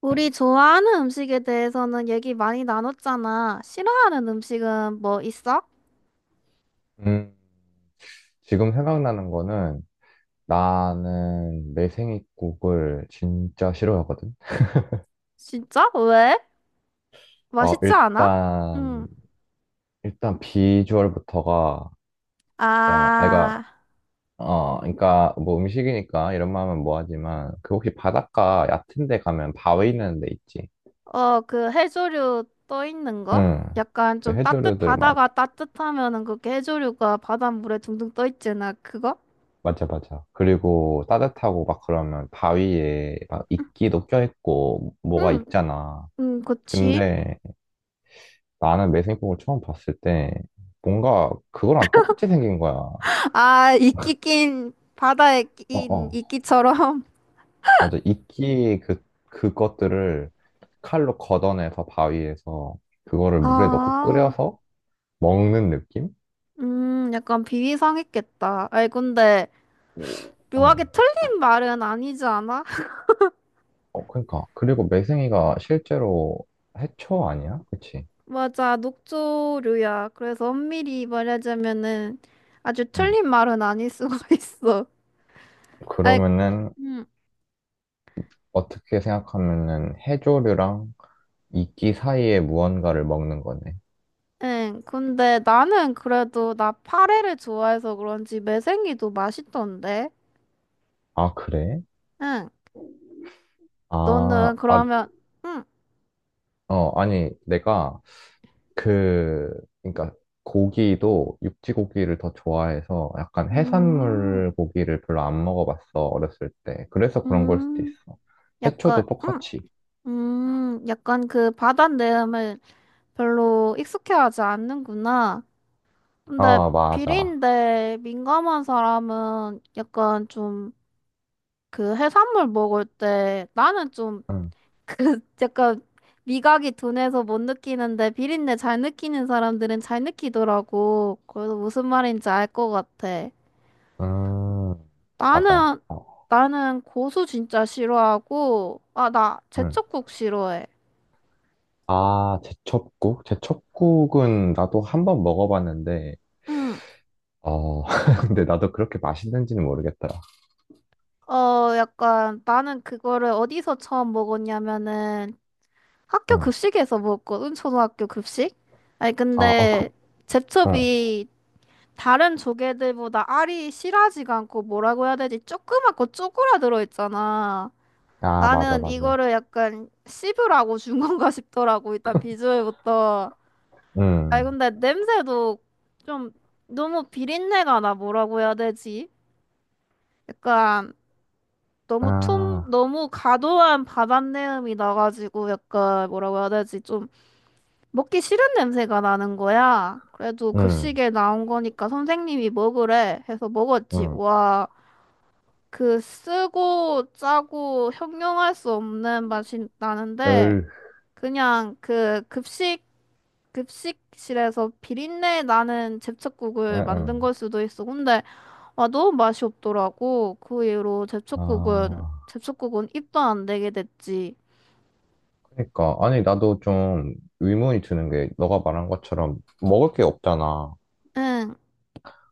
우리 좋아하는 음식에 대해서는 얘기 많이 나눴잖아. 싫어하는 음식은 뭐 있어? 음, 지금 생각나는 거는 나는 내생이국을 진짜 싫어하거든. 진짜? 왜? 어, 맛있지 않아? 일단, 응. 일단 비주얼부터가 진짜, 아, 아, 어, 그니까 뭐 음식이니까 이런 말 하면 뭐하지만 그 혹시 바닷가 얕은 데 가면 바위 있는 데 있지? 어, 그 해조류 떠 있는 거? 응. 약간 그 좀 해조류들 막, 바다가 따뜻하면은 그게 해조류가 바닷물에 둥둥 떠 있잖아. 그거? 맞아, 맞아. 그리고 따뜻하고 막 그러면 바위에 막 이끼도 껴있고 뭐가 응, 있잖아. 응, 그치. 근데 나는 매생이국을 처음 봤을 때 뭔가 그거랑 똑같이 생긴 거야. 어, 아, 이끼 낀, 바다에 낀 어. 이끼처럼. 맞아. 이끼 그, 그것들을 칼로 걷어내서 바위에서 그거를 물에 넣고 아, 끓여서 먹는 느낌? 약간 비위상했겠다. 아이, 근데. 오, 어. 묘하게 틀린 말은 아니지 않아? 어, 그러니까. 그리고 매생이가 실제로 해초 아니야? 그치? 맞아, 녹조류야. 그래서 엄밀히 말하자면은 아주 응. 틀린 말은 아닐 수가 있어. 아이, 그러면은 음, 어떻게 생각하면은 해조류랑 이끼 사이에 무언가를 먹는 거네. 응. 근데 나는 그래도 나 파래를 좋아해서 그런지 매생이도 맛있던데. 아, 그래? 응. 너는 아, 아, 그러면, 응, 어, 아니, 내가 그, 그러니까 고기도 육지 고기를 더 좋아해서 약간 음, 해산물 고기를 별로 안 먹어봤어, 어렸을 때. 그래서 그런 걸 수도 음, 있어. 약간, 해초도 응, 똑같이. 약간 그 바다 내음을 별로 익숙해하지 않는구나. 근데 아, 맞아. 비린내 민감한 사람은 약간 좀 그 해산물 먹을 때 나는 좀 응, 그 약간 미각이 둔해서 못 느끼는데 비린내 잘 느끼는 사람들은 잘 느끼더라고. 그래서 무슨 말인지 알 것 같아. 음, 맞아. 나는 어, 나는 고수 진짜 싫어하고 아 나 응. 제철국 싫어해. 아, 제첩국? 제첩국은 나도 한번 먹어봤는데, 응. 어, 근데 나도 그렇게 맛있는지는 모르겠더라. 어 약간 나는 그거를 어디서 처음 먹었냐면은 학교 응. 급식에서 먹었거든, 초등학교 급식. 아니, 아, 아, 근데 그, 응. 제첩이 다른 조개들보다 알이 실하지가 않고 뭐라고 해야 되지? 조그맣고 쪼그라들어 있잖아. 아, 맞아, 나는 맞아. 이거를 약간 씹으라고 준 건가 싶더라고, 일단 비주얼부터. 아니, 응. 근데 냄새도 좀 너무 비린내가 나, 뭐라고 해야 되지? 약간 아, 너무 과도한 바닷내음이 나가지고 약간 뭐라고 해야 되지? 좀 먹기 싫은 냄새가 나는 거야. 그래도 응, 급식에 나온 거니까 선생님이 먹으래 해서 먹었지. 응. 와, 그 쓰고 짜고 형용할 수 없는 맛이 나는데 그냥 그 급식실에서 비린내 나는 응, 제첩국을 만든 응. 걸 수도 있어. 근데 와 너무 맛이 없더라고. 그 이후로 제첩국은 아, 제첩국은 입도 안 대게 됐지. 그러니까. 아니, 나도 좀 의문이 드는 게, 너가 말한 것처럼 먹을 게 없잖아. 응.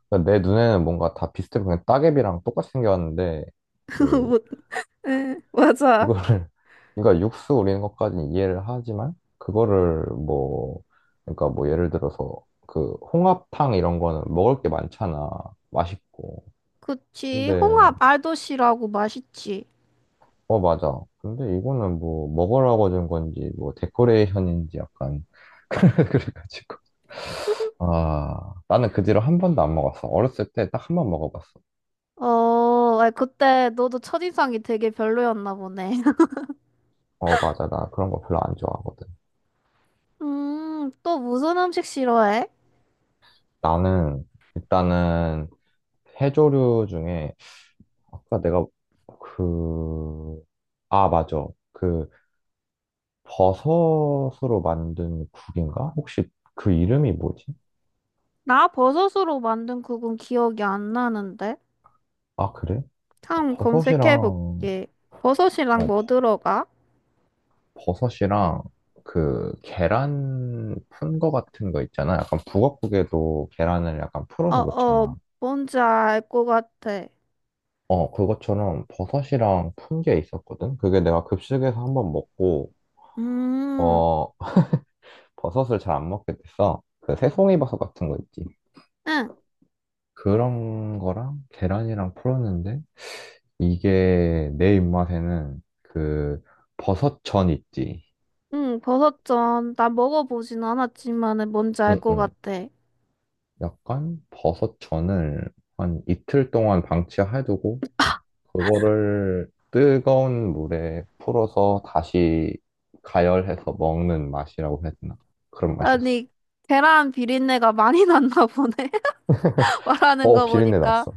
그러니까 내 눈에는 뭔가 다 비슷해. 그냥 따개비랑 똑같이 생겼는데, 그, 못 응, 맞아. 그거를, 그러니까 육수 우리는 것까지는 이해를 하지만, 그거를 뭐, 그러니까 뭐 예를 들어서, 그, 홍합탕 이런 거는 먹을 게 많잖아. 맛있고. 그치. 근데 홍합 알도시라고 맛있지. 어, 맞아. 근데 이거는 뭐 먹으라고 준 건지 뭐 데코레이션인지 약간 그래가지고 아 나는 그 뒤로 한 번도 안 먹었어. 어렸을 때 딱 한 번 먹어봤어. 어, 아 그때 너도 첫인상이 되게 별로였나 보네. 어, 맞아. 나 그런 거 별로 안 좋아하거든. 또 무슨 음식 싫어해? 나는 일단은 해조류 중에 아까 내가 그 아, 맞아. 그 버섯으로 만든 국인가? 혹시 그 이름이 뭐지? 나 버섯으로 만든 국은 기억이 안 나는데. 아, 그래? 참 버섯이랑 검색해볼게. 버섯이랑 뭐 어, 들어가? 버섯이랑 그 계란 푼 거 같은 거 있잖아. 약간 북엇국에도 계란을 약간 어, 풀어서 어, 넣잖아. 뭔지 알 것 같아. 어, 그것처럼 버섯이랑 푼 게 있었거든. 그게 내가 급식에서 한번 먹고, 음, 어, 버섯을 잘 안 먹게 됐어. 그 새송이 버섯 같은 거 있지. 응, 그런 거랑 계란이랑 풀었는데, 이게 내 입맛에는 그 버섯전 있지. 응, 버섯전. 나 먹어보진 않았지만은 뭔지 알 응, 것 응. 같아. 약간 버섯전을 한 이틀 동안 방치해두고 그거를 뜨거운 물에 풀어서 다시 가열해서 먹는 맛이라고 해야 되나? 그런 맛이었어. 아니, 계란 비린내가 많이 났나 보네. 말하는 어, 거 비린내 보니까 났어.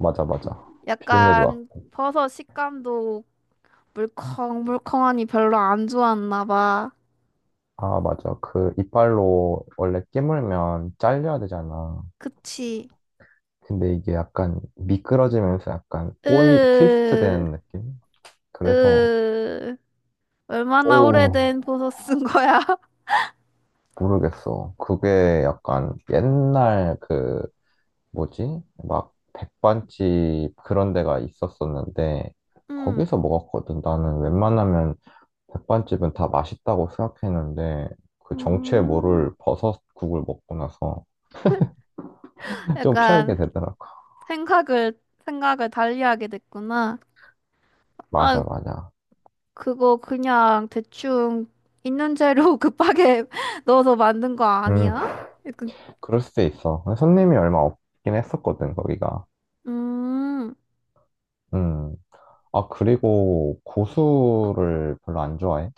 맞아, 맞아. 비린내도 약간 났고. 버섯 식감도 물컹물컹하니 별로 안 좋았나 봐. 아, 맞아. 그 이빨로 원래 깨물면 잘려야 되잖아. 그치? 근데 이게 약간 미끄러지면서 약간 꼬이, 트위스트 으, 되는 느낌? 그래서, 으, 얼마나 오, 오래된 버섯 쓴 거야? 모르겠어. 그게 약간 옛날 그 뭐지? 막 백반집 그런 데가 있었었는데 음, 거기서 먹었거든. 나는 웬만하면 백반집은 다 맛있다고 생각했는데 그 정체 음, 모를 버섯국을 먹고 나서 좀 약간 피하게 되더라고. 생각을, 생각을 달리하게 됐구나. 아, 맞아, 맞아. 그거 그냥 대충 있는 재료 급하게 넣어서 만든 거 음, 아니야? 약간, 그럴 수도 있어. 손님이 얼마 없긴 했었거든, 거기가. 음. 음. 아, 그리고 고수를 별로 안 좋아해?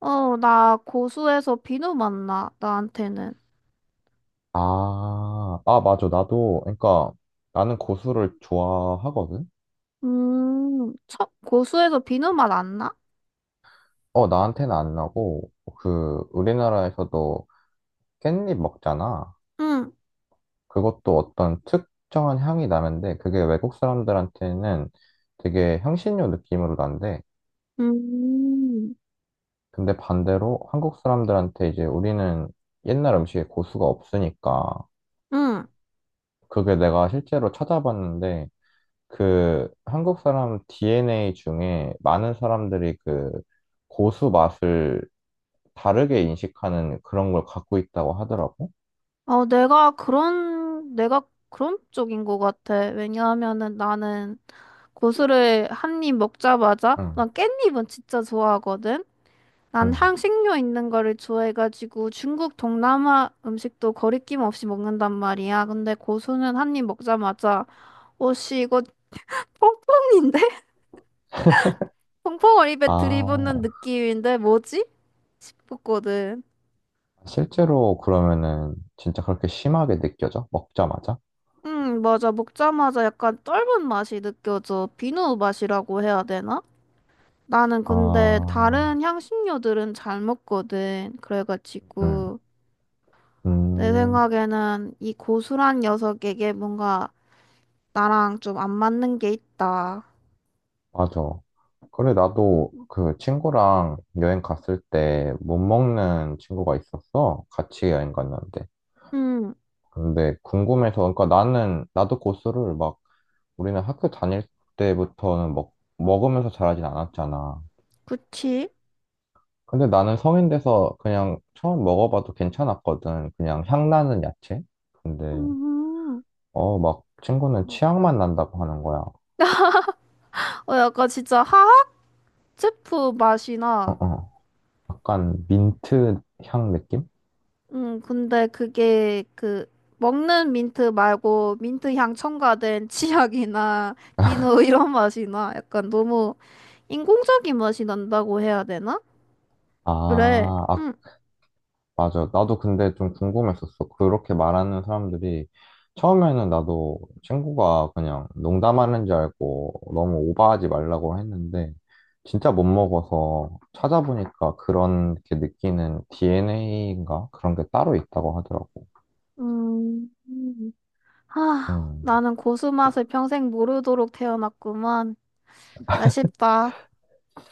어, 나 고수에서 비누 맛 나, 나한테는. 아, 아, 맞아. 나도, 그러니까 나는 고수를 좋아하거든. 참, 고수에서 비누 맛 안 나? 어, 나한테는 안 나고, 그, 우리나라에서도 깻잎 먹잖아. 응, 그것도 어떤 특정한 향이 나는데, 그게 외국 사람들한테는 되게 향신료 느낌으로 난대. 음, 근데 반대로 한국 사람들한테 이제 우리는 옛날 음식에 고수가 없으니까, 응. 그게 내가 실제로 찾아봤는데, 그 한국 사람 DNA 중에 많은 사람들이 그 고수 맛을 다르게 인식하는 그런 걸 갖고 있다고 하더라고. 어, 내가 그런 쪽인 것 같아. 왜냐하면은 나는 고수를 한 입 먹자마자, 응. 난 깻잎은 진짜 좋아하거든? 난 응. 향신료 있는 거를 좋아해가지고 중국 동남아 음식도 거리낌 없이 먹는단 말이야. 근데 고수는 한 입 먹자마자, 오씨, 이거 뽕뽕인데? 펑펑 어립에 들이붓는 아, 느낌인데 뭐지? 싶었거든. 실제로 그러면은 진짜 그렇게 심하게 느껴져? 먹자마자? 맞아. 먹자마자 약간 떫은 맛이 느껴져. 비누 맛이라고 해야 되나? 나는 아, 근데 다른 향신료들은 잘 먹거든. 음, 그래가지고 내 음, 생각에는 이 고수란 녀석에게 뭔가 나랑 좀 안 맞는 게 있다. 맞아. 그래, 나도 그 친구랑 여행 갔을 때 못 먹는 친구가 있었어. 같이 여행 갔는데. 음, 근데 궁금해서, 그러니까 나는, 나도 고수를 막, 우리는 학교 다닐 때부터는 먹, 먹으면서 자라진 않았잖아. 그치? 근데 나는 성인 돼서 그냥 처음 먹어봐도 괜찮았거든. 그냥 향 나는 야채? 근데 음, 어, 막 친구는 치약만 난다고 하는 거야. 어, 약간 진짜 화학 제품 어, 맛이나 어. 약간 민트 향 느낌? 근데 그게 그 먹는 민트 말고 민트 향 첨가된 치약이나 비누 이런 맛이 나. 약간 너무 인공적인 맛이 난다고 해야 되나? 그래. 아, 아, 음. 맞아. 나도 근데 좀 궁금했었어. 그렇게 말하는 사람들이 처음에는 나도 친구가 그냥 농담하는 줄 알고 너무 오버하지 말라고 했는데 진짜 못 먹어서 찾아보니까 그런 게 느끼는 DNA인가? 그런 게 따로 있다고 하더라고. 음. 음. 하, 음. 나는 고수 맛을 평생 모르도록 태어났구만. 아쉽다.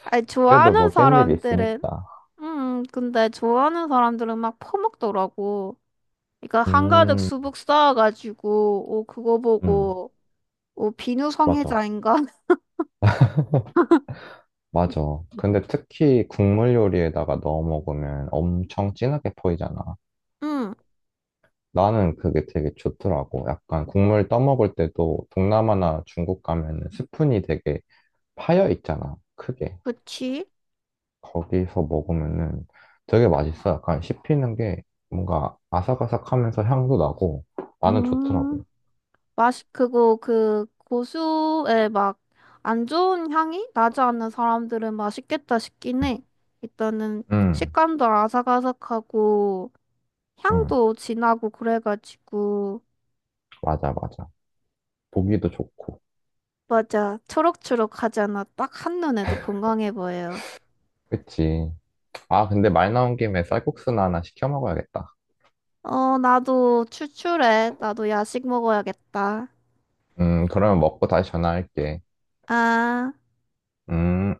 아니, 그래도 좋아하는 뭐 깻잎이 사람들은 있으니까. 근데 좋아하는 사람들은 막 퍼먹더라고. 그러니까 한가득 음, 수북 쌓아가지고 오 그거 음, 보고 오, 비누 맞아. 성애자인가? 맞아. 근데 특히 국물 요리에다가 넣어 먹으면 엄청 진하게 포이잖아. 응. 나는 그게 되게 좋더라고. 약간 국물 떠먹을 때도 동남아나 중국 가면은 스푼이 되게 파여 있잖아. 크게. 그치? 거기서 먹으면은 되게 맛있어. 약간 씹히는 게 뭔가 아삭아삭하면서 향도 나고 나는 음, 좋더라고. 맛이 그거 그 고수의 막 안 좋은 향이 나지 않는 사람들은 맛있겠다 싶긴 응, 해. 일단은 응. 식감도 아삭아삭하고 응. 향도 진하고 그래가지고 맞아, 맞아. 보기도 좋고. 맞아 초록초록하잖아. 딱 한눈에도 건강해 보여요. 그치. 아, 근데 말 나온 김에 쌀국수나 하나 시켜 먹어야겠다. 어, 나도 출출해. 나도 야식 먹어야겠다. 그러면 먹고 다시 전화할게. 아. 음.